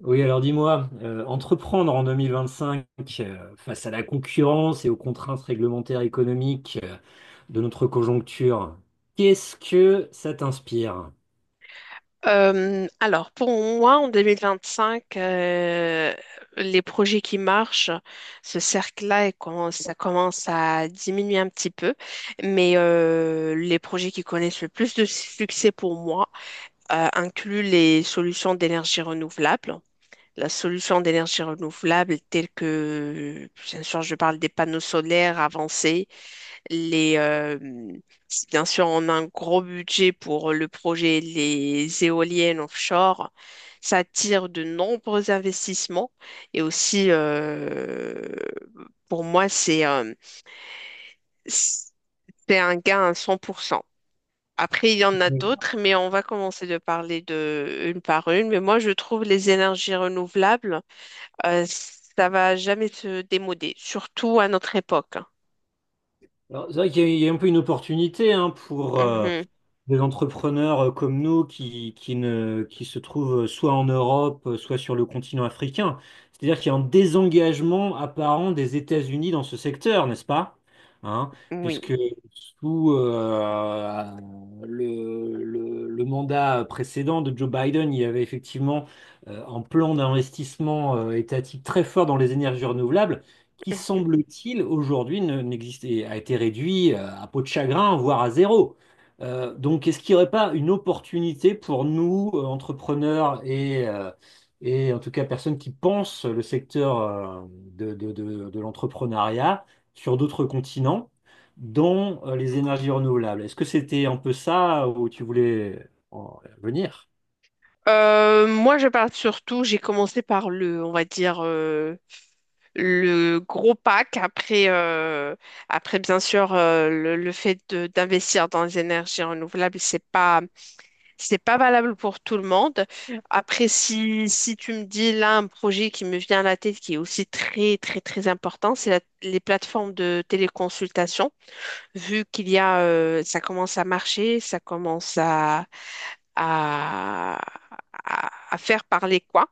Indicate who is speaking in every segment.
Speaker 1: Oui, alors dis-moi, entreprendre en 2025 face à la concurrence et aux contraintes réglementaires économiques de notre conjoncture, qu'est-ce que ça t'inspire?
Speaker 2: Pour moi, en 2025, les projets qui marchent, ce cercle-là, ça commence à diminuer un petit peu. Mais les projets qui connaissent le plus de succès pour moi incluent les solutions d'énergie renouvelable. La solution d'énergie renouvelable telle que, bien sûr, je parle des panneaux solaires avancés, les, euh, si bien sûr, on a un gros budget pour le projet les éoliennes offshore. Ça attire de nombreux investissements et aussi, pour moi, c'est un gain à 100%. Après, il y en a d'autres, mais on va commencer de parler de une par une. Mais moi, je trouve les énergies renouvelables, ça va jamais se démoder, surtout à notre époque.
Speaker 1: Alors, c'est vrai qu'il y a, il y a un peu une opportunité hein, pour,
Speaker 2: Mhm.
Speaker 1: des entrepreneurs comme nous qui ne, qui se trouvent soit en Europe, soit sur le continent africain. C'est-à-dire qu'il y a un désengagement apparent des États-Unis dans ce secteur, n'est-ce pas? Hein.
Speaker 2: Oui.
Speaker 1: Puisque sous le mandat précédent de Joe Biden, il y avait effectivement un plan d'investissement étatique très fort dans les énergies renouvelables, qui semble-t-il aujourd'hui n'existe et a été réduit à peau de chagrin, voire à zéro. Donc, est-ce qu'il n'y aurait pas une opportunité pour nous, entrepreneurs et en tout cas personnes qui pensent le secteur de l'entrepreneuriat sur d'autres continents, dont les énergies renouvelables? Est-ce que c'était un peu ça où tu voulais en venir?
Speaker 2: Moi, je parle surtout, j'ai commencé par le, on va dire, le gros pack. Après bien sûr, d'investir dans les énergies renouvelables, c'est pas valable pour tout le monde. Après, si tu me dis là un projet qui me vient à la tête qui est aussi très, très, très important, les plateformes de téléconsultation. Vu qu'il y a, ça commence à marcher, ça commence à, à faire parler quoi,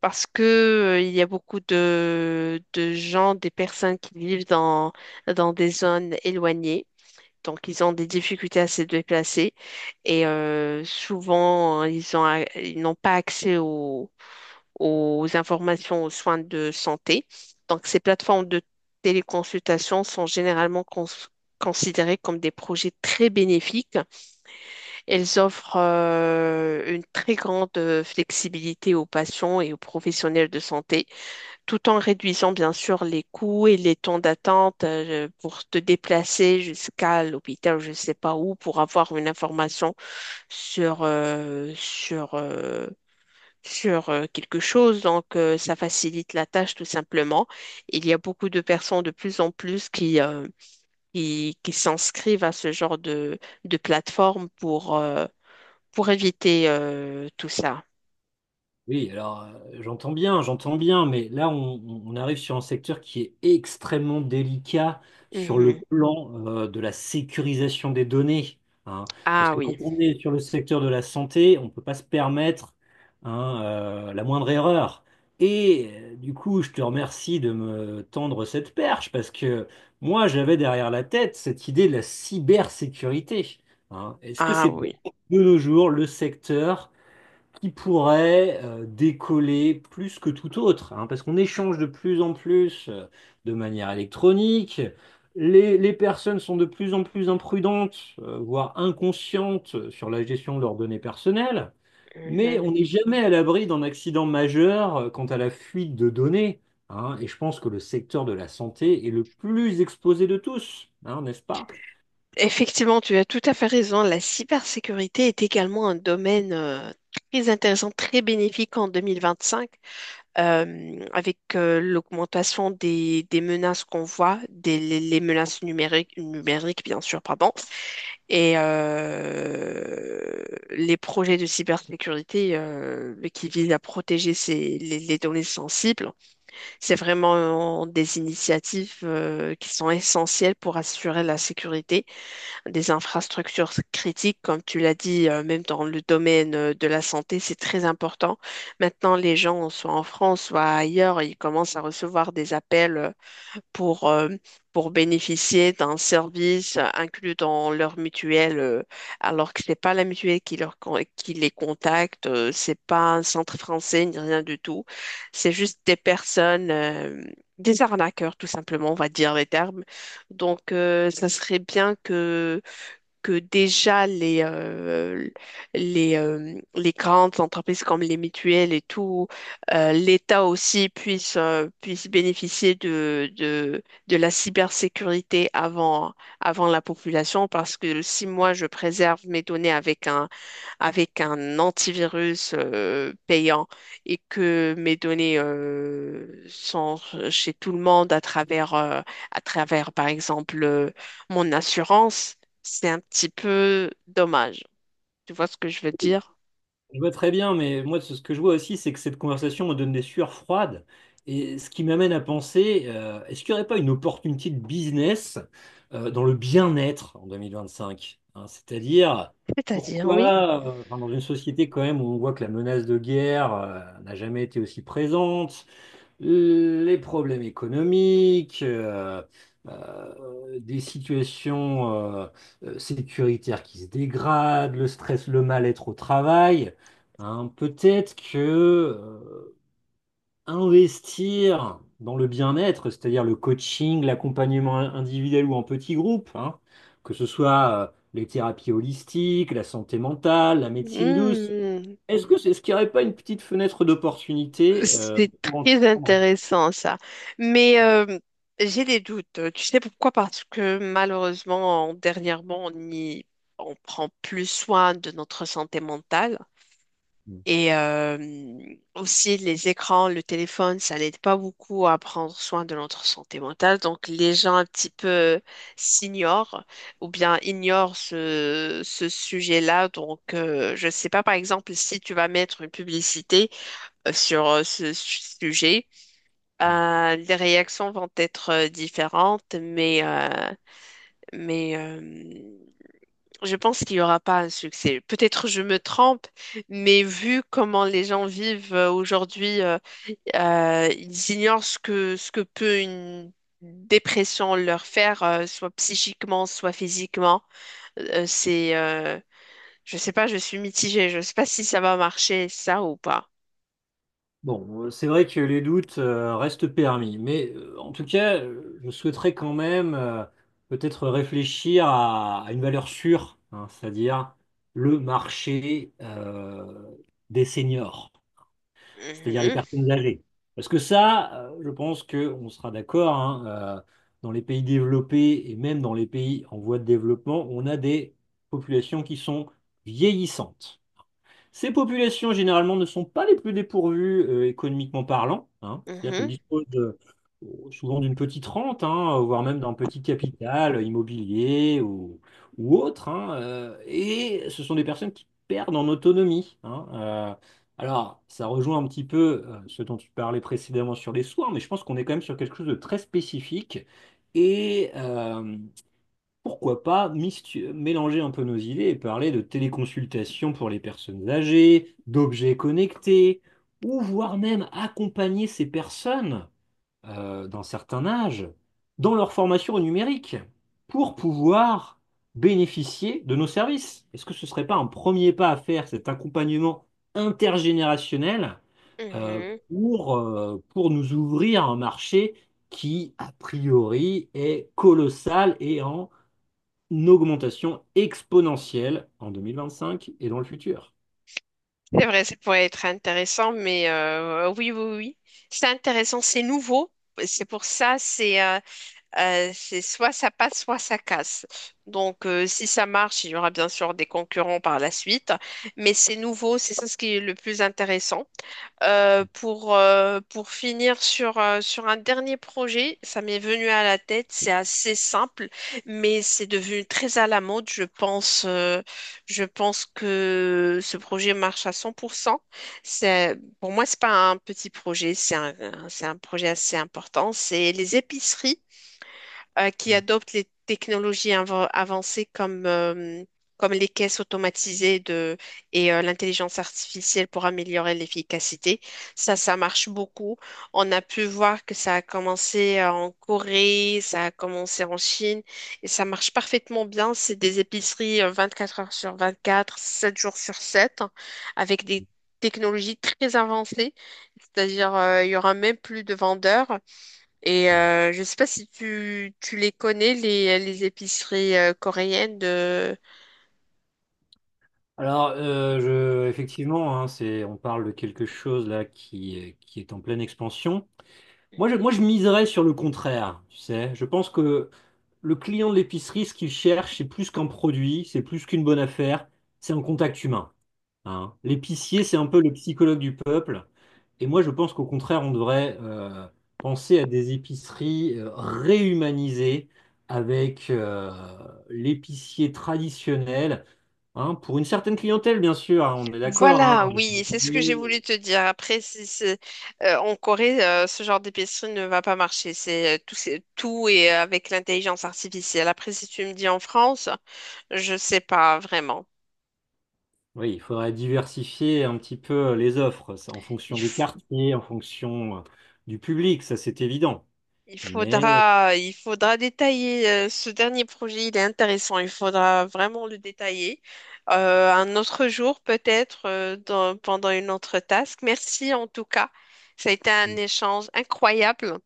Speaker 2: parce que il y a beaucoup de gens, des personnes qui vivent dans des zones éloignées. Donc, ils ont des difficultés à se déplacer et souvent, ils n'ont pas accès aux informations, aux soins de santé. Donc, ces plateformes de téléconsultation considérées comme des projets très bénéfiques. Elles offrent une très grande flexibilité aux patients et aux professionnels de santé, tout en réduisant bien sûr les coûts et les temps d'attente pour te déplacer jusqu'à l'hôpital, je ne sais pas où, pour avoir une information sur, euh, sur, euh, sur quelque chose. Donc, ça facilite la tâche tout simplement. Il y a beaucoup de personnes de plus en plus qui, qui s'inscrivent à ce genre de plateforme pour éviter tout ça.
Speaker 1: Oui, alors j'entends bien, mais là arrive sur un secteur qui est extrêmement délicat sur le
Speaker 2: Mhm.
Speaker 1: plan de la sécurisation des données, hein. Parce
Speaker 2: Ah
Speaker 1: que quand
Speaker 2: oui,
Speaker 1: on est sur le secteur de la santé, on ne peut pas se permettre hein, la moindre erreur. Et du coup, je te remercie de me tendre cette perche, parce que moi j'avais derrière la tête cette idée de la cybersécurité, hein. Est-ce que
Speaker 2: ah
Speaker 1: c'est pas
Speaker 2: oui.
Speaker 1: de nos jours le secteur qui pourrait décoller plus que tout autre, hein, parce qu'on échange de plus en plus de manière électronique. Les personnes sont de plus en plus imprudentes, voire inconscientes sur la gestion de leurs données personnelles, mais
Speaker 2: Mhm.
Speaker 1: on n'est jamais à l'abri d'un accident majeur quant à la fuite de données, hein, et je pense que le secteur de la santé est le plus exposé de tous, hein, n'est-ce pas?
Speaker 2: Effectivement, tu as tout à fait raison. La cybersécurité est également un domaine très intéressant, très bénéfique en 2025, avec l'augmentation des menaces qu'on voit, les menaces numériques, bien sûr, pardon, et les projets de cybersécurité qui visent à protéger les données sensibles. C'est vraiment des initiatives qui sont essentielles pour assurer la sécurité des infrastructures critiques, comme tu l'as dit, même dans le domaine de la santé, c'est très important. Maintenant, les gens, soit en France, soit ailleurs, ils commencent à recevoir des appels pour, euh, pour bénéficier d'un service inclus dans leur mutuelle, alors que ce n'est pas la mutuelle qui les contacte, c'est pas un centre français ni rien du tout. C'est juste des personnes, des arnaqueurs, tout simplement, on va dire les termes. Donc, ça serait bien que déjà les grandes entreprises comme les mutuelles et tout, l'État aussi puisse, puisse bénéficier de la cybersécurité avant, avant la population, parce que si moi je préserve mes données avec un antivirus payant et que mes données sont chez tout le monde à travers par exemple mon assurance, c'est un petit peu dommage. Tu vois ce que je veux dire?
Speaker 1: Je vois très bien, mais moi, ce que je vois aussi, c'est que cette conversation me donne des sueurs froides. Et ce qui m'amène à penser, est-ce qu'il n'y aurait pas une opportunité de business dans le bien-être en 2025? Hein, c'est-à-dire,
Speaker 2: C'est-à-dire, oui.
Speaker 1: pourquoi, enfin, dans une société quand même où on voit que la menace de guerre n'a jamais été aussi présente, les problèmes économiques, des situations euh, sécuritaires qui se dégradent, le stress, le mal-être au travail, hein, peut-être que investir dans le bien-être, c'est-à-dire le coaching, l'accompagnement individuel ou en petit groupe, hein, que ce soit les thérapies holistiques, la santé mentale, la médecine douce,
Speaker 2: Hmm,
Speaker 1: est-ce que c'est, ce qu'il n'y aurait pas une petite fenêtre d'opportunité
Speaker 2: c'est
Speaker 1: pour
Speaker 2: très
Speaker 1: entreprendre.
Speaker 2: intéressant ça. Mais j'ai des doutes. Tu sais pourquoi? Parce que malheureusement, dernièrement, on prend plus soin de notre santé mentale. Et aussi, les écrans, le téléphone, ça n'aide pas beaucoup à prendre soin de notre santé mentale. Donc, les gens un petit peu s'ignorent ou bien ignorent ce sujet-là. Donc, je ne sais pas, par exemple, si tu vas mettre une publicité sur sujet, les réactions vont être différentes, mais je pense qu'il n'y aura pas un succès. Peut-être je me trompe, mais vu comment les gens vivent aujourd'hui, ils ignorent ce que peut une dépression leur faire, soit psychiquement, soit physiquement. Euh, c'est, euh, je sais pas, je suis mitigée. Je sais pas si ça va marcher, ça ou pas.
Speaker 1: Bon, c'est vrai que les doutes restent permis, mais en tout cas, je souhaiterais quand même peut-être réfléchir à une valeur sûre, hein, c'est-à-dire le marché des seniors, c'est-à-dire les
Speaker 2: Mhm,
Speaker 1: personnes âgées. Parce que ça, je pense qu'on sera d'accord, hein, euh, dans les pays développés et même dans les pays en voie de développement, on a des populations qui sont vieillissantes. Ces populations, généralement, ne sont pas les plus dépourvues économiquement parlant, hein. C'est-à-dire qu'elles
Speaker 2: mhm,
Speaker 1: disposent souvent d'une petite rente, hein, voire même d'un petit capital immobilier ou autre, hein, et ce sont des personnes qui perdent en autonomie, hein. Alors, ça rejoint un petit peu ce dont tu parlais précédemment sur les soins, mais je pense qu'on est quand même sur quelque chose de très spécifique. Et, pourquoi pas mélanger un peu nos idées et parler de téléconsultation pour les personnes âgées, d'objets connectés, ou voire même accompagner ces personnes d'un certain âge dans leur formation au numérique pour pouvoir bénéficier de nos services. Est-ce que ce ne serait pas un premier pas à faire, cet accompagnement intergénérationnel euh,
Speaker 2: mhm.
Speaker 1: pour nous ouvrir un marché qui, a priori, est colossal et en une augmentation exponentielle en 2025 et dans le futur.
Speaker 2: C'est vrai, ça pourrait être intéressant, mais oui, oui, oui. C'est intéressant, c'est nouveau. C'est pour ça, c'est euh, c'est soit ça passe, soit ça casse. Donc, si ça marche, il y aura bien sûr des concurrents par la suite, mais c'est nouveau, c'est ça ce qui est le plus intéressant. Pour finir sur, sur un dernier projet, ça m'est venu à la tête, c'est assez simple, mais c'est devenu très à la mode, je pense. Je pense que ce projet marche à cent pour cent. C'est, pour moi, c'est pas un petit projet, c'est un projet assez important. C'est les épiceries qui adoptent les avancées comme, comme les caisses automatisées et l'intelligence artificielle pour améliorer l'efficacité. Ça marche beaucoup. On a pu voir que ça a commencé en Corée, ça a commencé en Chine et ça marche parfaitement bien. C'est des épiceries 24 heures sur 24, 7 jours sur 7, avec des technologies très avancées, c'est-à-dire il y aura même plus de vendeurs. Et
Speaker 1: Mhm.
Speaker 2: je sais pas si tu les connais, les épiceries coréennes de...
Speaker 1: Alors, effectivement, hein, c'est, on parle de quelque chose là qui est en pleine expansion. Moi, je miserais sur le contraire, tu sais. Je pense que le client de l'épicerie, ce qu'il cherche, c'est plus qu'un produit, c'est plus qu'une bonne affaire, c'est un contact humain, hein. L'épicier, c'est un peu le psychologue du peuple. Et moi, je pense qu'au contraire, on devrait penser à des épiceries réhumanisées avec l'épicier traditionnel, hein, pour une certaine clientèle, bien sûr, hein, on est d'accord,
Speaker 2: Voilà,
Speaker 1: hein.
Speaker 2: oui, c'est ce que j'ai
Speaker 1: Et-
Speaker 2: voulu te dire. Après, si, c'est- en Corée, ce genre d'épicerie ne va pas marcher. C'est tout et avec l'intelligence artificielle. Après, si tu me dis en France, je sais pas vraiment.
Speaker 1: oui, il faudrait diversifier un petit peu les offres, ça, en fonction des quartiers, en fonction du public, ça c'est évident. Mais
Speaker 2: Il faudra détailler ce dernier projet, il est intéressant, il faudra vraiment le détailler. Un autre jour, peut-être, pendant une autre task. Merci en tout cas. Ça a été un échange incroyable.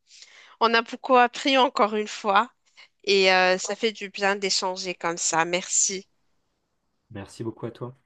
Speaker 2: On a beaucoup appris encore une fois et ça fait du bien d'échanger comme ça. Merci.
Speaker 1: merci beaucoup à toi.